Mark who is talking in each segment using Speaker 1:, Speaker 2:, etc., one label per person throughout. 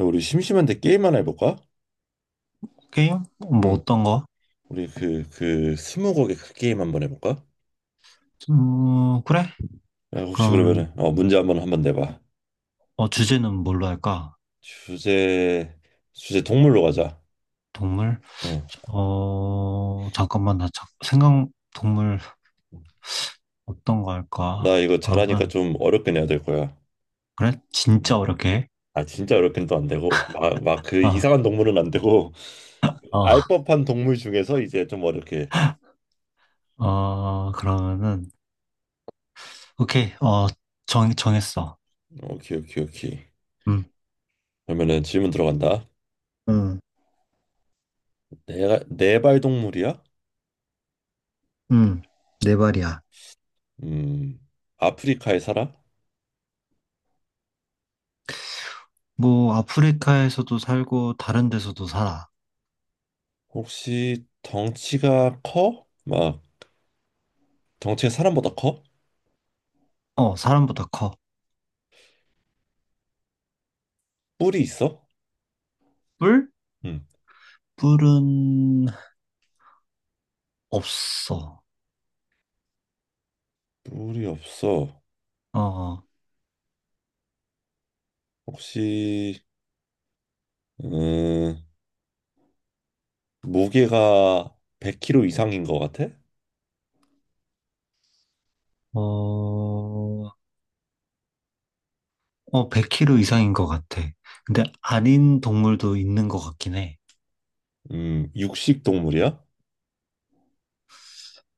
Speaker 1: 야, 우리 심심한데 게임 하나 해볼까?
Speaker 2: 게임? 뭐
Speaker 1: 응.
Speaker 2: 어떤 거?
Speaker 1: 우리 스무고개 그 게임 한번 해볼까?
Speaker 2: 그래?
Speaker 1: 야, 혹시
Speaker 2: 그럼
Speaker 1: 그러면은, 문제 한번 내봐.
Speaker 2: 주제는 뭘로 할까?
Speaker 1: 주제, 주제 동물로 가자.
Speaker 2: 동물?
Speaker 1: 응.
Speaker 2: 잠깐만 나 생각. 동물 어떤 거 할까?
Speaker 1: 나 이거 잘하니까
Speaker 2: 그러면.
Speaker 1: 좀 어렵게 내야 될 거야.
Speaker 2: 그래?
Speaker 1: 응.
Speaker 2: 진짜 어렵게? 해?
Speaker 1: 아, 진짜 어렵긴 또 안 되고, 막 그
Speaker 2: 아,
Speaker 1: 이상한 동물은 안 되고,
Speaker 2: 어,
Speaker 1: 알 법한 동물 중에서 이제 좀 어렵게.
Speaker 2: 그러면은 오케이. 정 정했어.
Speaker 1: 오케이, 오케이, 오케이.
Speaker 2: 음,
Speaker 1: 그러면은 질문 들어간다.
Speaker 2: 응,
Speaker 1: 내가, 네발 동물이야?
Speaker 2: 응, 네 발이야.
Speaker 1: 음, 아프리카에 살아?
Speaker 2: 뭐 아프리카에서도 살고 다른 데서도 살아.
Speaker 1: 혹시 덩치가 커? 막 덩치가 사람보다 커?
Speaker 2: 어, 사람보다 커.
Speaker 1: 뿔이 있어?
Speaker 2: 뿔?
Speaker 1: 응.
Speaker 2: 뿔은 없어.
Speaker 1: 뿔이 없어.
Speaker 2: 어. 어.
Speaker 1: 혹시 음, 무게가 100kg 이상인 것 같아?
Speaker 2: 어, 100kg 이상인 것 같아. 근데 아닌 동물도 있는 것 같긴 해.
Speaker 1: 육식 동물이야?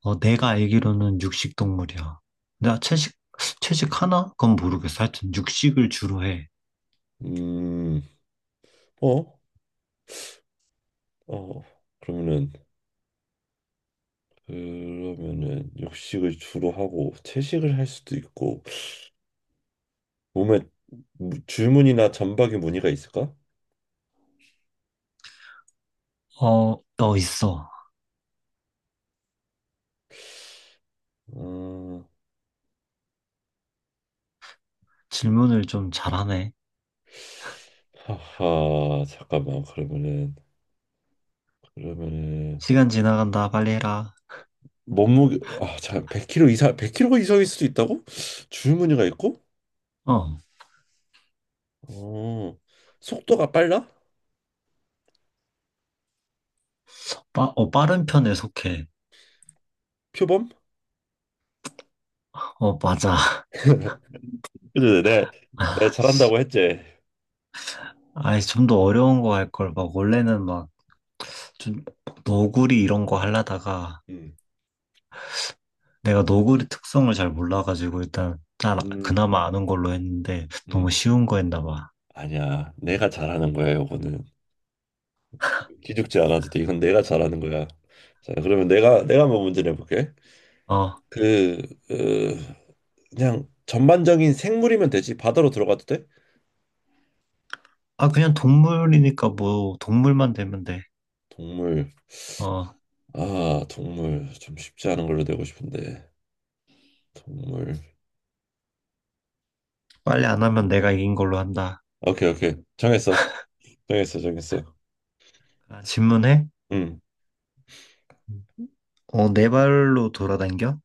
Speaker 2: 어, 내가 알기로는 육식 동물이야. 나 채식 하나? 그건 모르겠어. 하여튼 육식을 주로 해.
Speaker 1: 음, 어? 어. 그러면은 그러면은 육식을 주로 하고 채식을 할 수도 있고 몸에 줄무늬나 점박이 무늬가 있을까?
Speaker 2: 어, 어, 있어.
Speaker 1: 음...
Speaker 2: 질문을 좀 잘하네.
Speaker 1: 하하 잠깐만 그러면은
Speaker 2: 시간 지나간다. 빨리 해라.
Speaker 1: 몸무게 아자 100kg 이상일 수도 있다고? 줄무늬가 있고?
Speaker 2: 어,
Speaker 1: 어 속도가 빨라?
Speaker 2: 빠른 편에 속해.
Speaker 1: 표범?
Speaker 2: 어, 맞아.
Speaker 1: 그래 내가 잘한다고 했지.
Speaker 2: 아이, 좀 더 어려운 거 할 걸. 막, 원래는 막, 좀, 너구리 이런 거 하려다가,
Speaker 1: 음,
Speaker 2: 내가 너구리 특성을 잘 몰라가지고 일단 난
Speaker 1: 음,
Speaker 2: 그나마 아는 걸로 했는데 너무
Speaker 1: 음.
Speaker 2: 쉬운 거 했나 봐.
Speaker 1: 아니야, 내가 잘하는 거야 요거는. 기죽지 않아도 돼, 이건 내가 잘하는 거야. 자, 그러면 내가 한번 문제 내볼게.
Speaker 2: 어,
Speaker 1: 그, 그 그냥 전반적인 생물이면 되지, 바다로 들어가도 돼?
Speaker 2: 아 그냥 동물이니까 뭐 동물만 되면 돼.
Speaker 1: 동물.
Speaker 2: 어,
Speaker 1: 아, 동물 좀 쉽지 않은 걸로 내고 싶은데. 동물.
Speaker 2: 빨리 안 하면 내가 이긴 걸로 한다.
Speaker 1: 오케이, 오케이. 정했어. 정했어.
Speaker 2: 아, 질문해?
Speaker 1: 응,
Speaker 2: 음. 어, 네 발로 돌아다녀?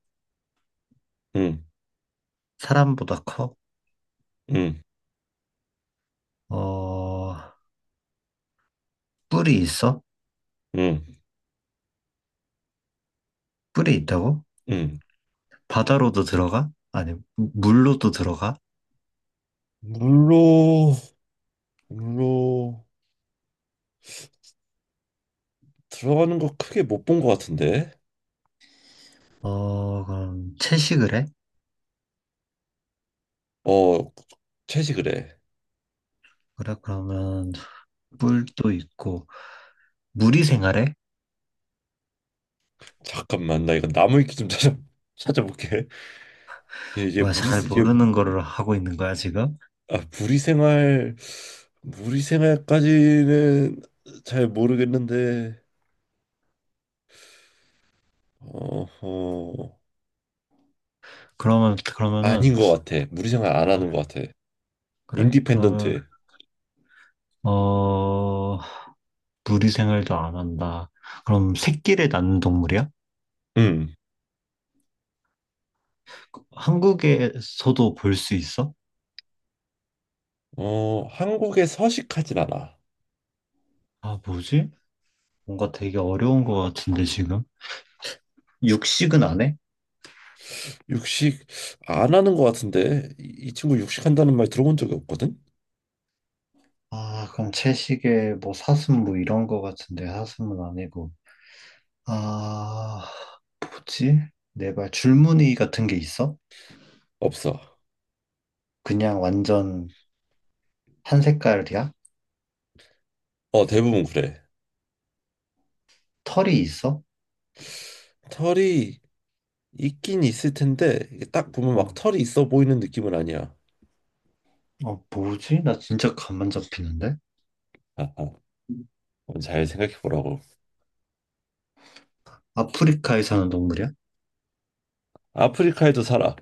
Speaker 1: 응,
Speaker 2: 사람보다 커?
Speaker 1: 응,
Speaker 2: 어, 뿔이 있어?
Speaker 1: 응,
Speaker 2: 뿔이 있다고?
Speaker 1: 응.
Speaker 2: 바다로도 들어가? 아니, 물로도 들어가?
Speaker 1: 물로 물로 들어가는 거 크게 못 본 것 같은데.
Speaker 2: 어, 그럼 채식을 해?
Speaker 1: 어, 채식을 해.
Speaker 2: 그래, 그러면 뿔도 있고, 물이 생활해?
Speaker 1: 잠깐만, 나 이거 나무 위키 좀 찾아볼게. 얘, 얘 무리
Speaker 2: 뭐잘
Speaker 1: 얘,
Speaker 2: 모르는 거를 하고 있는 거야, 지금?
Speaker 1: 아, 무리 생활까지는 잘 모르겠는데. 어허. 아닌
Speaker 2: 그러면은,
Speaker 1: 것 같아. 무리 생활 안 하는
Speaker 2: 아,
Speaker 1: 것 같아.
Speaker 2: 그래? 그러면,
Speaker 1: 인디펜던트해.
Speaker 2: 어, 무리 생활도 안 한다. 그럼 새끼를 낳는 동물이야?
Speaker 1: 음.
Speaker 2: 한국에서도 볼 수 있어?
Speaker 1: 어, 한국에 서식하진 않아.
Speaker 2: 아, 뭐지? 뭔가 되게 어려운 거 같은데, 지금? 육식은 안 해?
Speaker 1: 육식 안 하는 것 같은데 이 친구 육식한다는 말 들어본 적이 없거든?
Speaker 2: 아, 그럼 채식에 뭐 사슴 뭐 이런 거 같은데, 사슴은 아니고. 아, 뭐지? 내발 줄무늬 같은 게 있어?
Speaker 1: 없어.
Speaker 2: 그냥 완전 한 색깔이야?
Speaker 1: 어, 대부분 그래.
Speaker 2: 털이 있어?
Speaker 1: 털이 있긴 있을 텐데 이게 딱 보면 막
Speaker 2: 어,
Speaker 1: 털이 있어 보이는 느낌은 아니야.
Speaker 2: 뭐지? 나 진짜 감만 잡히는데?
Speaker 1: 아하. 한번 잘 생각해 보라고.
Speaker 2: 아프리카에 사는 동물이야?
Speaker 1: 아프리카에도 살아.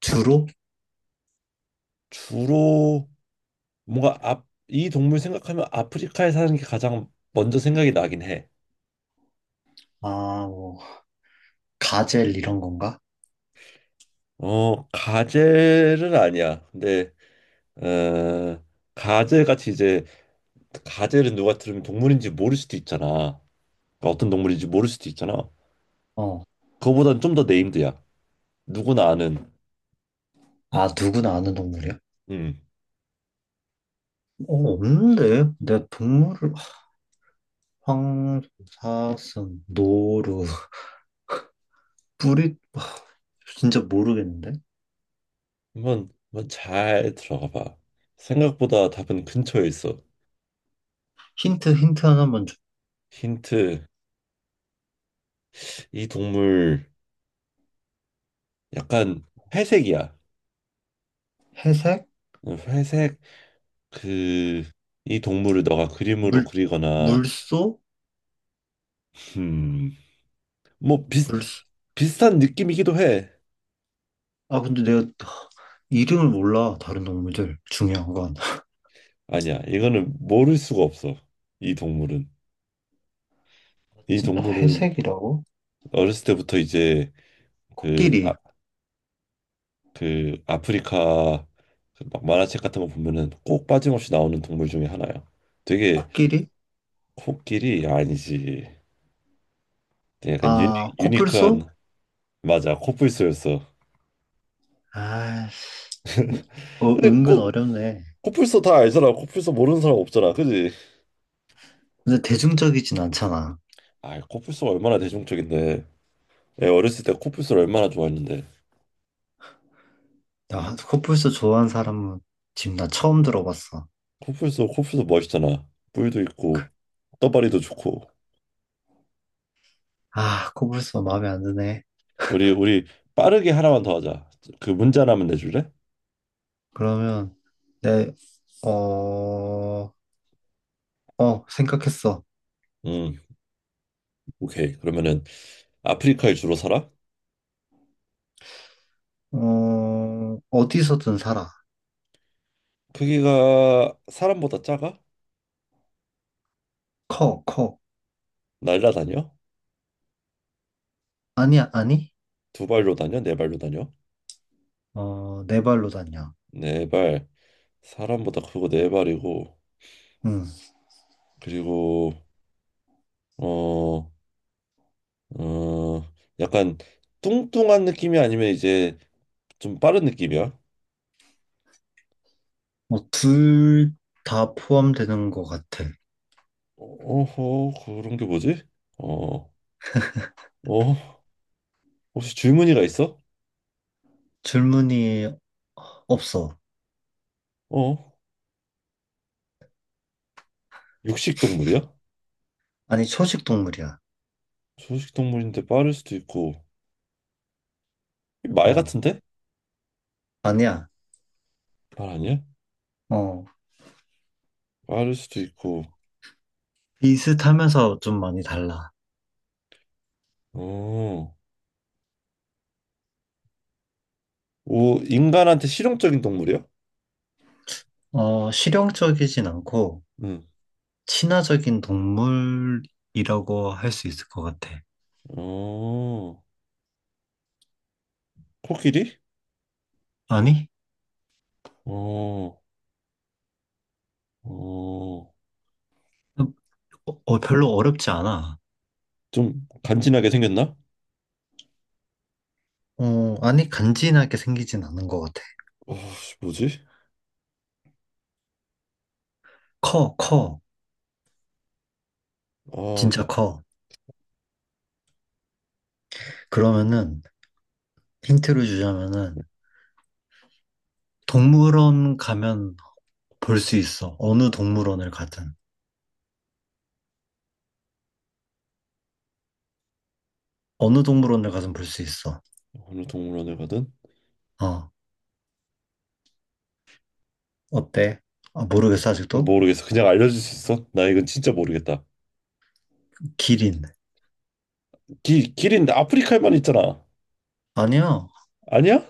Speaker 2: 주로?
Speaker 1: 주로 뭔가 이 동물 생각하면 아프리카에 사는 게 가장 먼저 생각이 나긴 해.
Speaker 2: 아, 뭐, 가젤 이런 건가?
Speaker 1: 어, 가젤은 아니야. 근데 어, 가젤 같이 이제 가젤은 누가 들으면 동물인지 모를 수도 있잖아. 그러니까 어떤 동물인지 모를 수도 있잖아.
Speaker 2: 어.
Speaker 1: 그거보단 좀 더 네임드야. 누구나 아는.
Speaker 2: 아, 누구나 아는 동물이야?
Speaker 1: 음.
Speaker 2: 어, 없는데? 내 동물을, 황, 사슴, 노루, 뿌리, 아, 진짜 모르겠는데?
Speaker 1: 한번 잘 들어가 봐. 생각보다 답은 근처에 있어.
Speaker 2: 힌트 하나만 줘.
Speaker 1: 힌트. 이 동물 약간 회색이야.
Speaker 2: 회색?
Speaker 1: 회색. 그 이 동물을 너가 그림으로
Speaker 2: 물,
Speaker 1: 그리거나.
Speaker 2: 물소?
Speaker 1: 음, 뭐 비슷
Speaker 2: 물소?
Speaker 1: 비슷한 느낌이기도 해.
Speaker 2: 아, 근데 내가 이름을 몰라, 다른 동물들. 중요한 건.
Speaker 1: 아니야. 이거는 모를 수가 없어. 이 동물은.
Speaker 2: 아,
Speaker 1: 이
Speaker 2: 진짜
Speaker 1: 동물은
Speaker 2: 회색이라고?
Speaker 1: 어렸을 때부터 이제 그, 아,
Speaker 2: 코끼리.
Speaker 1: 그 아프리카 그막 만화책 같은 거 보면은 꼭 빠짐없이 나오는 동물 중에 하나야. 되게.
Speaker 2: 코끼리?
Speaker 1: 코끼리 아니지. 되게 약간
Speaker 2: 아, 코뿔소?
Speaker 1: 유니크한. 맞아, 코뿔소였어.
Speaker 2: 아, 어,
Speaker 1: 근데
Speaker 2: 은근 어렵네.
Speaker 1: 코뿔소 다 알잖아. 코뿔소 모르는 사람 없잖아, 그지?
Speaker 2: 근데 대중적이진 않잖아.
Speaker 1: 아, 코뿔소가 얼마나 대중적인데. 내가 어렸을 때 코뿔소를 얼마나 좋아했는데.
Speaker 2: 나 코뿔소 좋아하는 사람은 지금 나 처음 들어봤어.
Speaker 1: 코뿔소 멋있잖아. 뿔도 있고 떠다리도 좋고.
Speaker 2: 아, 코뿔소 마음에 안 드네.
Speaker 1: 우리 빠르게 하나만 더 하자. 그 문제 하나만 내줄래?
Speaker 2: 그러면, 내, 어, 생각했어.
Speaker 1: 음, 오케이. 그러면은 아프리카에 주로 살아?
Speaker 2: 어, 어디서든 살아.
Speaker 1: 크기가 사람보다 작아?
Speaker 2: 커, 커.
Speaker 1: 날라다녀?
Speaker 2: 아니야, 아니?
Speaker 1: 두 발로 다녀? 네 발로 다녀?
Speaker 2: 어, 네 발로 다녀.
Speaker 1: 네 발. 사람보다 크고 네 발이고
Speaker 2: 응.
Speaker 1: 그리고 어, 어, 약간 뚱뚱한 느낌이 아니면 이제 좀 빠른 느낌이야?
Speaker 2: 뭐, 둘 다 포함되는 것 같아.
Speaker 1: 어허, 그런 게 뭐지? 어, 어, 혹시 줄무늬가 있어?
Speaker 2: 질문이 없어.
Speaker 1: 어, 육식 동물이야?
Speaker 2: 아니, 초식 동물이야.
Speaker 1: 초식 동물인데 빠를 수도 있고 말
Speaker 2: 어,
Speaker 1: 같은데?
Speaker 2: 아니야.
Speaker 1: 말 아니야?
Speaker 2: 어,
Speaker 1: 빠를 수도 있고.
Speaker 2: 비슷하면서 좀 많이 달라.
Speaker 1: 어. 오, 인간한테 실용적인 동물이야?
Speaker 2: 어, 실용적이진 않고,
Speaker 1: 응.
Speaker 2: 친화적인 동물이라고 할 수 있을 것 같아.
Speaker 1: 어. 코끼리?
Speaker 2: 아니?
Speaker 1: 어. 어.
Speaker 2: 어, 별로 어렵지 않아.
Speaker 1: 좀 간지나게 생겼나?
Speaker 2: 어, 아니, 간지나게 생기진 않은 것 같아.
Speaker 1: 아, 씨, 뭐지?
Speaker 2: 커, 커.
Speaker 1: 아,
Speaker 2: 진짜 커. 그러면은, 힌트를 주자면은, 동물원 가면 볼 수 있어. 어느 동물원을 가든. 어느 동물원을 가든 볼 수 있어.
Speaker 1: 어느 동물원에 가든
Speaker 2: 어, 어때? 아, 모르겠어, 아직도?
Speaker 1: 모르겠어. 그냥 알려줄 수 있어? 나 이건 진짜 모르겠다.
Speaker 2: 기린.
Speaker 1: 기, 길인데 아프리카에만 있잖아.
Speaker 2: 아니야.
Speaker 1: 아니야?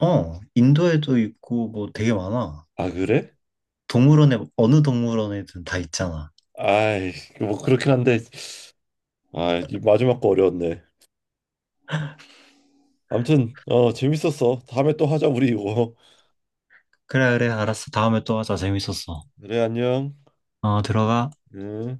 Speaker 2: 어, 인도에도 있고 뭐 되게 많아.
Speaker 1: 아, 그래?
Speaker 2: 동물원에 어느 동물원에든 다 있잖아.
Speaker 1: 아이, 뭐 그렇긴 한데. 아, 이 마지막 거 어려웠네. 아무튼 어 재밌었어. 다음에 또 하자 우리 이거.
Speaker 2: 그래 그래 알았어. 다음에 또 하자. 재밌었어.
Speaker 1: 그래, 안녕.
Speaker 2: 어, 들어가.
Speaker 1: 응.